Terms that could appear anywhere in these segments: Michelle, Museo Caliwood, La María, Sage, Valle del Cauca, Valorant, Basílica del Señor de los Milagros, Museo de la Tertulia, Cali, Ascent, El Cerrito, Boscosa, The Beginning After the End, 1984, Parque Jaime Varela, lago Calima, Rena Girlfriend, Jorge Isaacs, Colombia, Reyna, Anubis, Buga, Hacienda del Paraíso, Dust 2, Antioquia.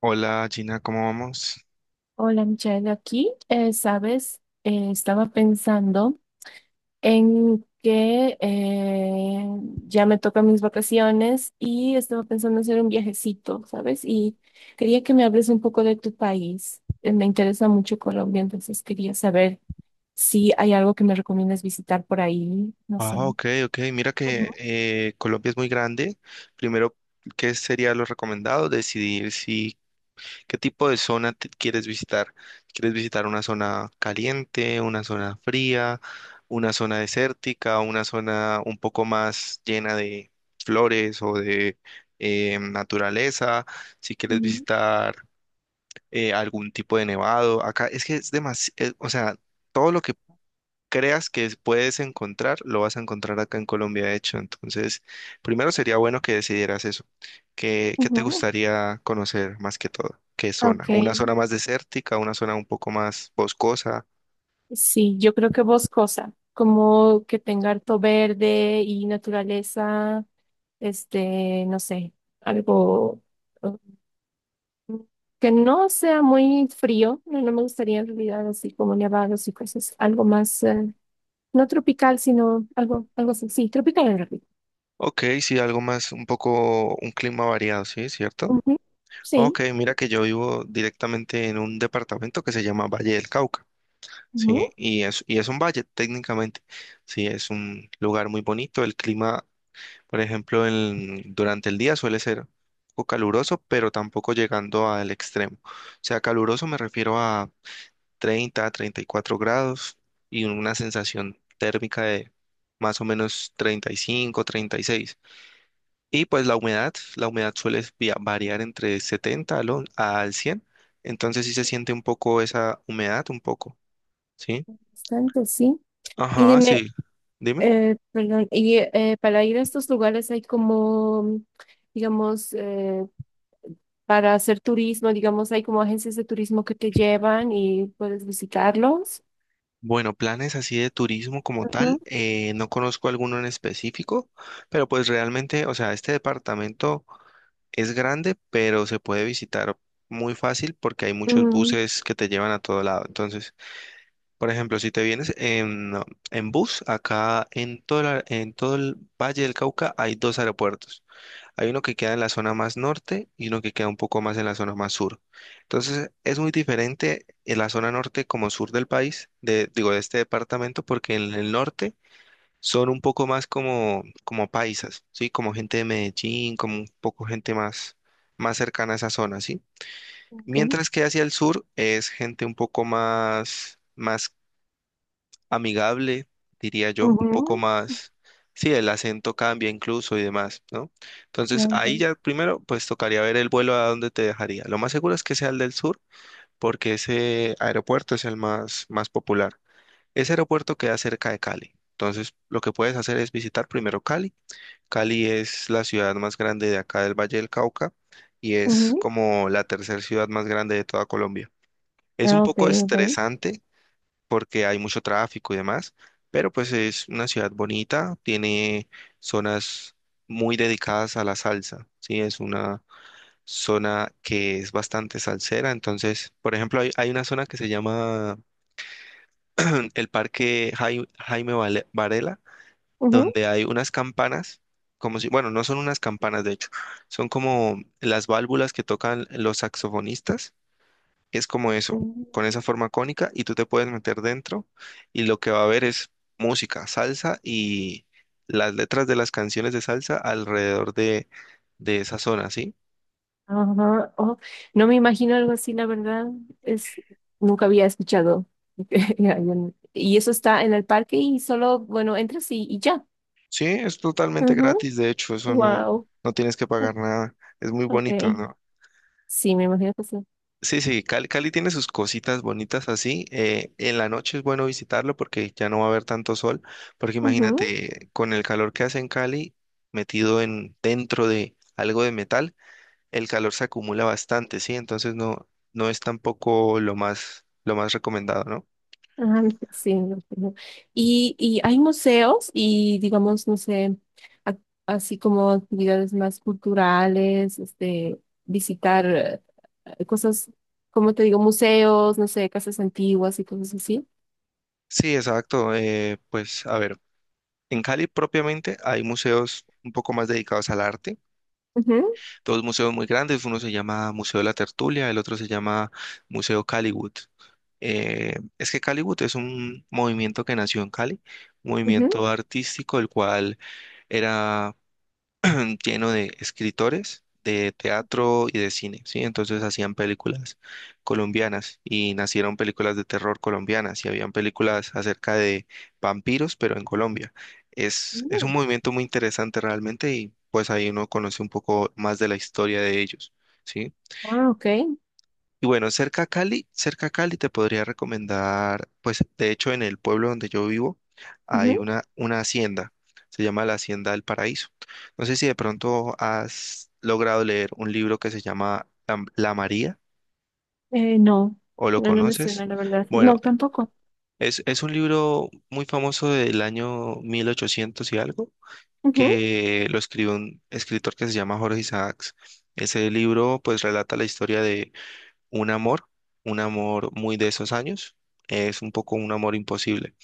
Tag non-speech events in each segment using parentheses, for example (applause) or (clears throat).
Hola Gina, ¿cómo vamos? Hola Michelle, aquí, sabes. Estaba pensando en que ya me tocan mis vacaciones y estaba pensando hacer un viajecito, ¿sabes? Y quería que me hables un poco de tu país. Me interesa mucho Colombia, entonces quería saber si hay algo que me recomiendas visitar por ahí, no Ah, sé. ok, ok. Mira que Ujú. Colombia es muy grande. Primero, ¿qué sería lo recomendado? Decidir si qué tipo de zona te quieres visitar. ¿Quieres visitar una zona caliente, una zona fría, una zona desértica, una zona un poco más llena de flores o de naturaleza? Si quieres Ujú. visitar algún tipo de nevado. Acá es que es demasiado, o sea, todo lo que creas que puedes encontrar, lo vas a encontrar acá en Colombia, de hecho. Entonces, primero sería bueno que decidieras eso. ¿Qué te Ujú. gustaría conocer más que todo? ¿Qué zona? Ok, ¿Una zona más desértica, una zona un poco más boscosa? sí, yo creo que Boscosa, como que tenga harto verde y naturaleza. Este, no sé, algo mm, que no sea muy frío, no, no me gustaría en realidad así como nevados y cosas, algo más, no tropical, sino algo, algo así, sí, tropical en realidad. Ok, sí, algo más, un poco, un clima variado, ¿sí? ¿Cierto? Ujú. Sí. Ok, mira que yo vivo directamente en un departamento que se llama Valle del Cauca, ¿sí? Ujú, Y es un valle técnicamente, ¿sí? Es un lugar muy bonito, el clima. Por ejemplo, durante el día suele ser un poco caluroso, pero tampoco llegando al extremo. O sea, caluroso me refiero a 30, 34 grados y una sensación térmica de más o menos 35, 36. Y seis. Y pues la humedad suele variar entre 70 al, al 100. Entonces sí se siente un poco esa humedad, un poco, ¿sí? bastante, sí. Y Ajá, dime, sí. Dime. Perdón, y para ir a estos lugares hay como, digamos, para hacer turismo, digamos, hay como agencias de turismo que te llevan y puedes visitarlos. Bueno, planes así de turismo como Ujú, tal, no conozco alguno en específico, pero pues realmente, o sea, este departamento es grande, pero se puede visitar muy fácil porque hay muchos mm, buses que te llevan a todo lado. Entonces, por ejemplo, si te vienes en bus, acá en todo, en todo el Valle del Cauca hay dos aeropuertos. Hay uno que queda en la zona más norte y uno que queda un poco más en la zona más sur. Entonces, es muy diferente en la zona norte como sur del país, de, digo, de este departamento, porque en el norte son un poco más como, como paisas, ¿sí? Como gente de Medellín, como un poco gente más, más cercana a esa zona, ¿sí? ok. Mientras que hacia el sur es gente un poco más, más amigable, diría yo, un poco Ujú, más, sí, el acento cambia incluso y demás, ¿no? Entonces ahí ok, ya primero, pues tocaría ver el vuelo a dónde te dejaría. Lo más seguro es que sea el del sur, porque ese aeropuerto es el más, más popular. Ese aeropuerto queda cerca de Cali. Entonces lo que puedes hacer es visitar primero Cali. Cali es la ciudad más grande de acá del Valle del Cauca y es ujú, como la tercera ciudad más grande de toda Colombia. Es un ah, ok, poco ok. estresante porque hay mucho tráfico y demás, pero pues es una ciudad bonita, tiene zonas muy dedicadas a la salsa, ¿sí? Es una zona que es bastante salsera, entonces, por ejemplo, hay una zona que se llama el Jaime Varela, Ujú. donde hay unas campanas, como si, bueno, no son unas campanas de hecho, son como las válvulas que tocan los saxofonistas, es como eso, Ujú. con esa forma cónica y tú te puedes meter dentro y lo que va a haber es música, salsa y las letras de las canciones de salsa alrededor de esa zona, ¿sí? Ajá, oh, no me imagino algo así, la verdad. Es, nunca había escuchado. (laughs) Y eso está en el parque y solo, bueno, entras y ya. Sí, es totalmente gratis, de hecho, eso no, Wow. no tienes que pagar nada, es muy bonito, Ok. ¿no? Sí, me imagino que sí. Sí, sí, Cali, Cali tiene sus cositas bonitas así. En la noche es bueno visitarlo porque ya no va a haber tanto sol, porque imagínate, con el calor que hace en Cali, metido en dentro de algo de metal, el calor se acumula bastante, ¿sí? Entonces no, no es tampoco lo más, lo más recomendado, ¿no? Ah, sí, no, no. No. Y hay museos y digamos, no sé, ac- así como actividades más culturales, este, visitar cosas, como te digo, museos, no sé, casas antiguas y cosas así. Sí, exacto. Pues a ver, en Cali propiamente hay museos un poco más dedicados al arte, Ujú. dos museos muy grandes, uno se llama Museo de la Tertulia, el otro se llama Museo Caliwood. Es que Caliwood es un movimiento que nació en Cali, un Ujú. movimiento artístico, el cual era lleno de escritores de teatro y de cine, ¿sí? Entonces hacían películas colombianas y nacieron películas de terror colombianas y habían películas acerca de vampiros, pero en Colombia. Es un Mm, movimiento muy interesante realmente y pues ahí uno conoce un poco más de la historia de ellos, ¿sí? ah, ok. Y bueno, cerca a Cali te podría recomendar, pues de hecho en el pueblo donde yo vivo hay Ujú. una hacienda, se llama la Hacienda del Paraíso. No sé si de pronto has logrado leer un libro que se llama La María No, o lo no, no me conoces. suena, la verdad. Bueno, No, tampoco. Es un libro muy famoso del año 1800 y algo, Ujú. que lo escribió un escritor que se llama Jorge Isaacs. Ese libro pues relata la historia un amor, un amor muy de esos años, es un poco un amor imposible.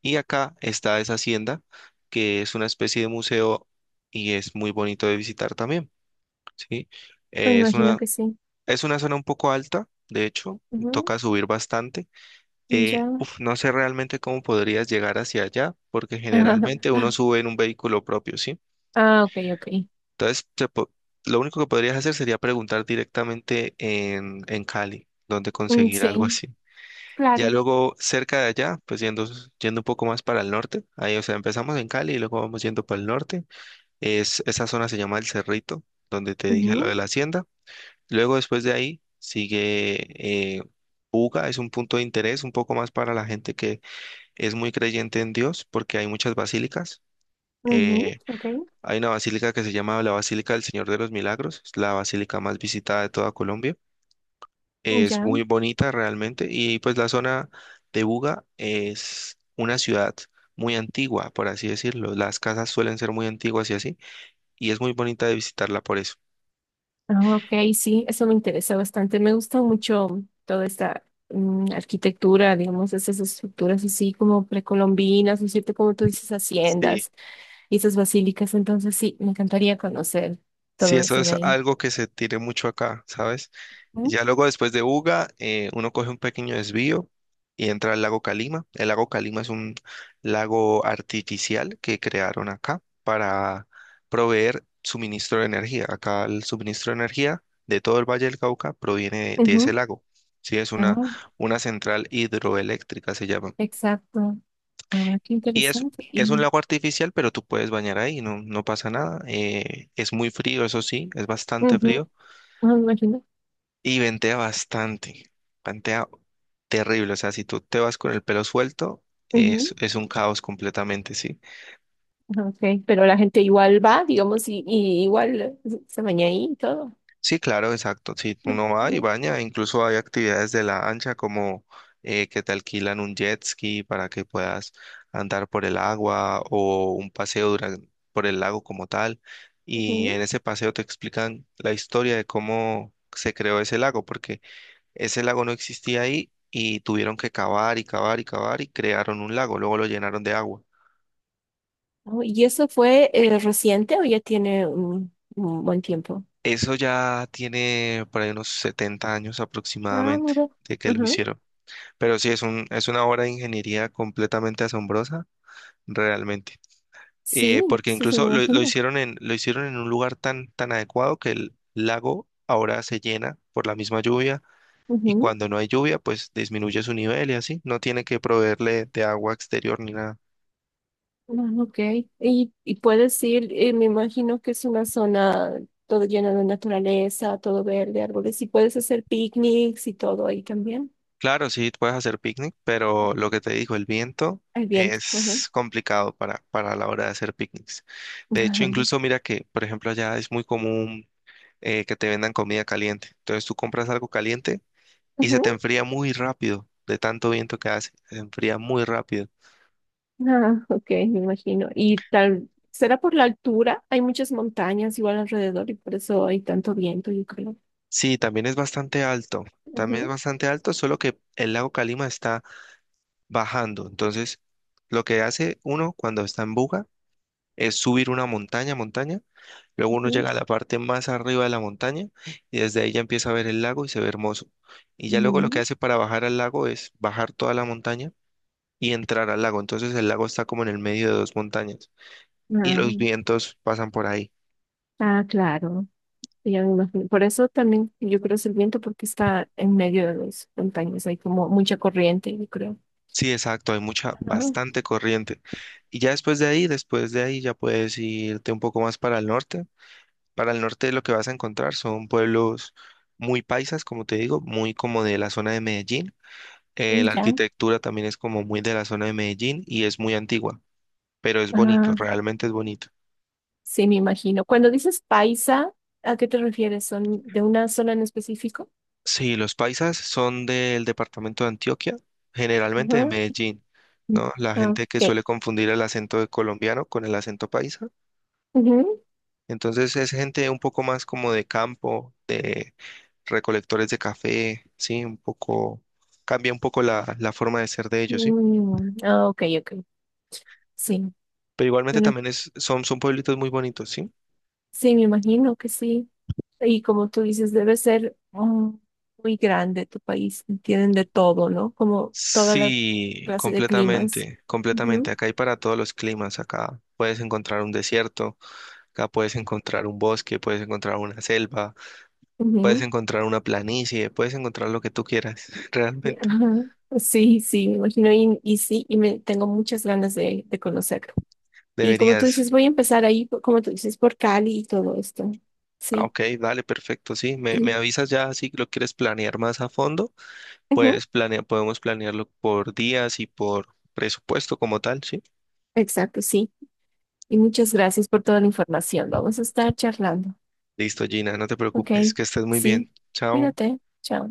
Y acá está esa hacienda, que es una especie de museo y es muy bonito de visitar también, ¿sí? Me Es imagino una, que sí. es una zona un poco alta, de hecho, Ujú. toca subir bastante. Ya. No sé realmente cómo podrías llegar hacia allá, porque generalmente uno (laughs) sube en un vehículo propio, ¿sí? Ah, ok, ok. Entonces, lo único que podrías hacer sería preguntar directamente en Cali, dónde Mm, conseguir algo sí, así. Ya claro. luego cerca de allá, pues yendo un poco más para el norte, ahí, o sea, empezamos en Cali y luego vamos yendo para el norte. Es, esa zona se llama El Cerrito, donde te dije lo de la hacienda. Luego después de ahí sigue Buga, es un punto de interés un poco más para la gente que es muy creyente en Dios, porque hay muchas basílicas. Ujú, Eh, ok, Hay una basílica que se llama la Basílica del Señor de los Milagros, es la basílica más visitada de toda Colombia. Es ya. muy bonita realmente y pues la zona de Buga es una ciudad muy antigua, por así decirlo. Las casas suelen ser muy antiguas y así, y es muy bonita de visitarla por eso. Ah, ok, sí, eso me interesa bastante. Me gusta mucho toda esta arquitectura, digamos, esas estructuras así como precolombinas, ¿no es cierto? Como tú dices, Sí. haciendas y esas basílicas. Entonces, sí, me encantaría conocer Sí, todo eso eso de es ahí. algo que se tiene mucho acá, ¿sabes? Ujú, Ya luego después de Uga, uno coge un pequeño desvío y entra al lago Calima. El lago Calima es un lago artificial que crearon acá para proveer suministro de energía. Acá el suministro de energía de todo el Valle del Cauca proviene de ese ujú, lago. Sí, es ah, una central hidroeléctrica, se llama. exacto. Ah, qué Y interesante. es un Y, lago artificial, pero tú puedes bañar ahí, no, no pasa nada. Es muy frío, eso sí, es bastante ujú, frío. ah, me imagino. Y ventea bastante, ventea terrible, o sea, si tú te vas con el pelo suelto, Ujú, es un caos completamente, sí. ah, ok, pero la gente igual va, digamos, y igual se baña ahí y todo. Sí, claro, exacto, sí, uno va y Ujú. baña, incluso hay actividades de la ancha como que te alquilan un jet ski para que puedas andar por el agua o un paseo por el lago como tal, y en Ujú. ese paseo te explican la historia de cómo se creó ese lago, porque ese lago no existía ahí y tuvieron que cavar y cavar y cavar y crearon un lago, luego lo llenaron de agua. Oh, ¿y eso fue reciente o ya tiene un buen tiempo? Eso ya tiene por ahí unos 70 años Ah, aproximadamente mira. de que lo Ajá. hicieron. Pero sí, es un, es una obra de ingeniería completamente asombrosa, realmente. Sí, Porque sí, se me incluso imagina. Lo hicieron en un lugar tan, tan adecuado que el lago ahora se llena por la misma lluvia y Ujú. cuando no hay lluvia, pues disminuye su nivel y así. No tiene que proveerle de agua exterior ni nada. Ah, ok. Y puedes ir, me imagino que es una zona todo llena de naturaleza, todo verde, árboles, y puedes hacer picnics y todo ahí también. Claro, sí, puedes hacer picnic, pero lo que te dijo, el viento Al viento. Ajá. es complicado para la hora de hacer picnics. De hecho, Ajá. incluso (laughs) mira que, por ejemplo, allá es muy común que te vendan comida caliente. Entonces tú compras algo caliente y se te Ujú. enfría muy rápido de tanto viento que hace. Se enfría muy rápido. Ah, ok, me imagino. Y tal, será por la altura, hay muchas montañas igual alrededor y por eso hay tanto viento, yo creo. Sí, también es bastante alto. También es Ujú. bastante alto, solo que el lago Calima está bajando. Entonces, lo que hace uno cuando está en Buga es subir una montaña, montaña. Luego uno llega a la parte más arriba de la montaña y desde ahí ya empieza a ver el lago y se ve hermoso. Y ya luego lo que Ujú. hace para bajar al lago es bajar toda la montaña y entrar al lago. Entonces el lago está como en el medio de dos montañas y Ah, los vientos pasan por ahí. ah, claro. Ya me imagino. Por eso también yo creo es el viento, porque está en medio de las montañas. Hay como mucha corriente, yo creo. Sí, exacto, hay mucha, Ah, bastante corriente. Y ya después de ahí ya puedes irte un poco más para el norte. Para el norte lo que vas a encontrar son pueblos muy paisas, como te digo, muy como de la zona de Medellín. La ya. arquitectura también es como muy de la zona de Medellín y es muy antigua, pero es bonito, Ah, realmente es bonito. sí, me imagino. Cuando dices paisa, ¿a qué te refieres? ¿Son de una zona en específico? Sí, los paisas son del departamento de Antioquia, generalmente de Ajá. Medellín, ¿no? La Ah, gente que ok. suele confundir el acento de colombiano con el acento paisa. Ujú. Entonces es gente un poco más como de campo, de recolectores de café, sí, un poco, cambia un poco la forma de ser de ellos, sí. Mm, ah, ok, ok. Sí. Pero igualmente Bueno, también es, son, son pueblitos muy bonitos, sí. sí, me imagino que sí. Y como tú dices, debe ser muy grande tu país. Y tienen de todo, ¿no? Como toda la Sí, clase de climas. completamente, completamente. Ujú, Acá hay para todos los climas. Acá puedes encontrar un desierto, acá puedes encontrar un bosque, puedes encontrar una selva, puedes ujú, encontrar una planicie, puedes encontrar lo que tú quieras. (laughs) Realmente ajá. Sí, sí, me imagino. Y, sí, y me tengo muchas ganas de conocerlo. Y como tú deberías. dices, voy a empezar ahí, como tú dices, por Cali y todo esto. Ah, Sí. ok, dale, perfecto. Sí, me (clears throat) avisas ya si lo quieres planear más a fondo. Ujú. Pues planea, podemos planearlo por días y por presupuesto como tal, ¿sí? Exacto, sí. Y muchas gracias por toda la información. Vamos a estar charlando. Listo, Gina, no te Ok, preocupes, que estés muy sí. bien. Chao. Cuídate. Chao.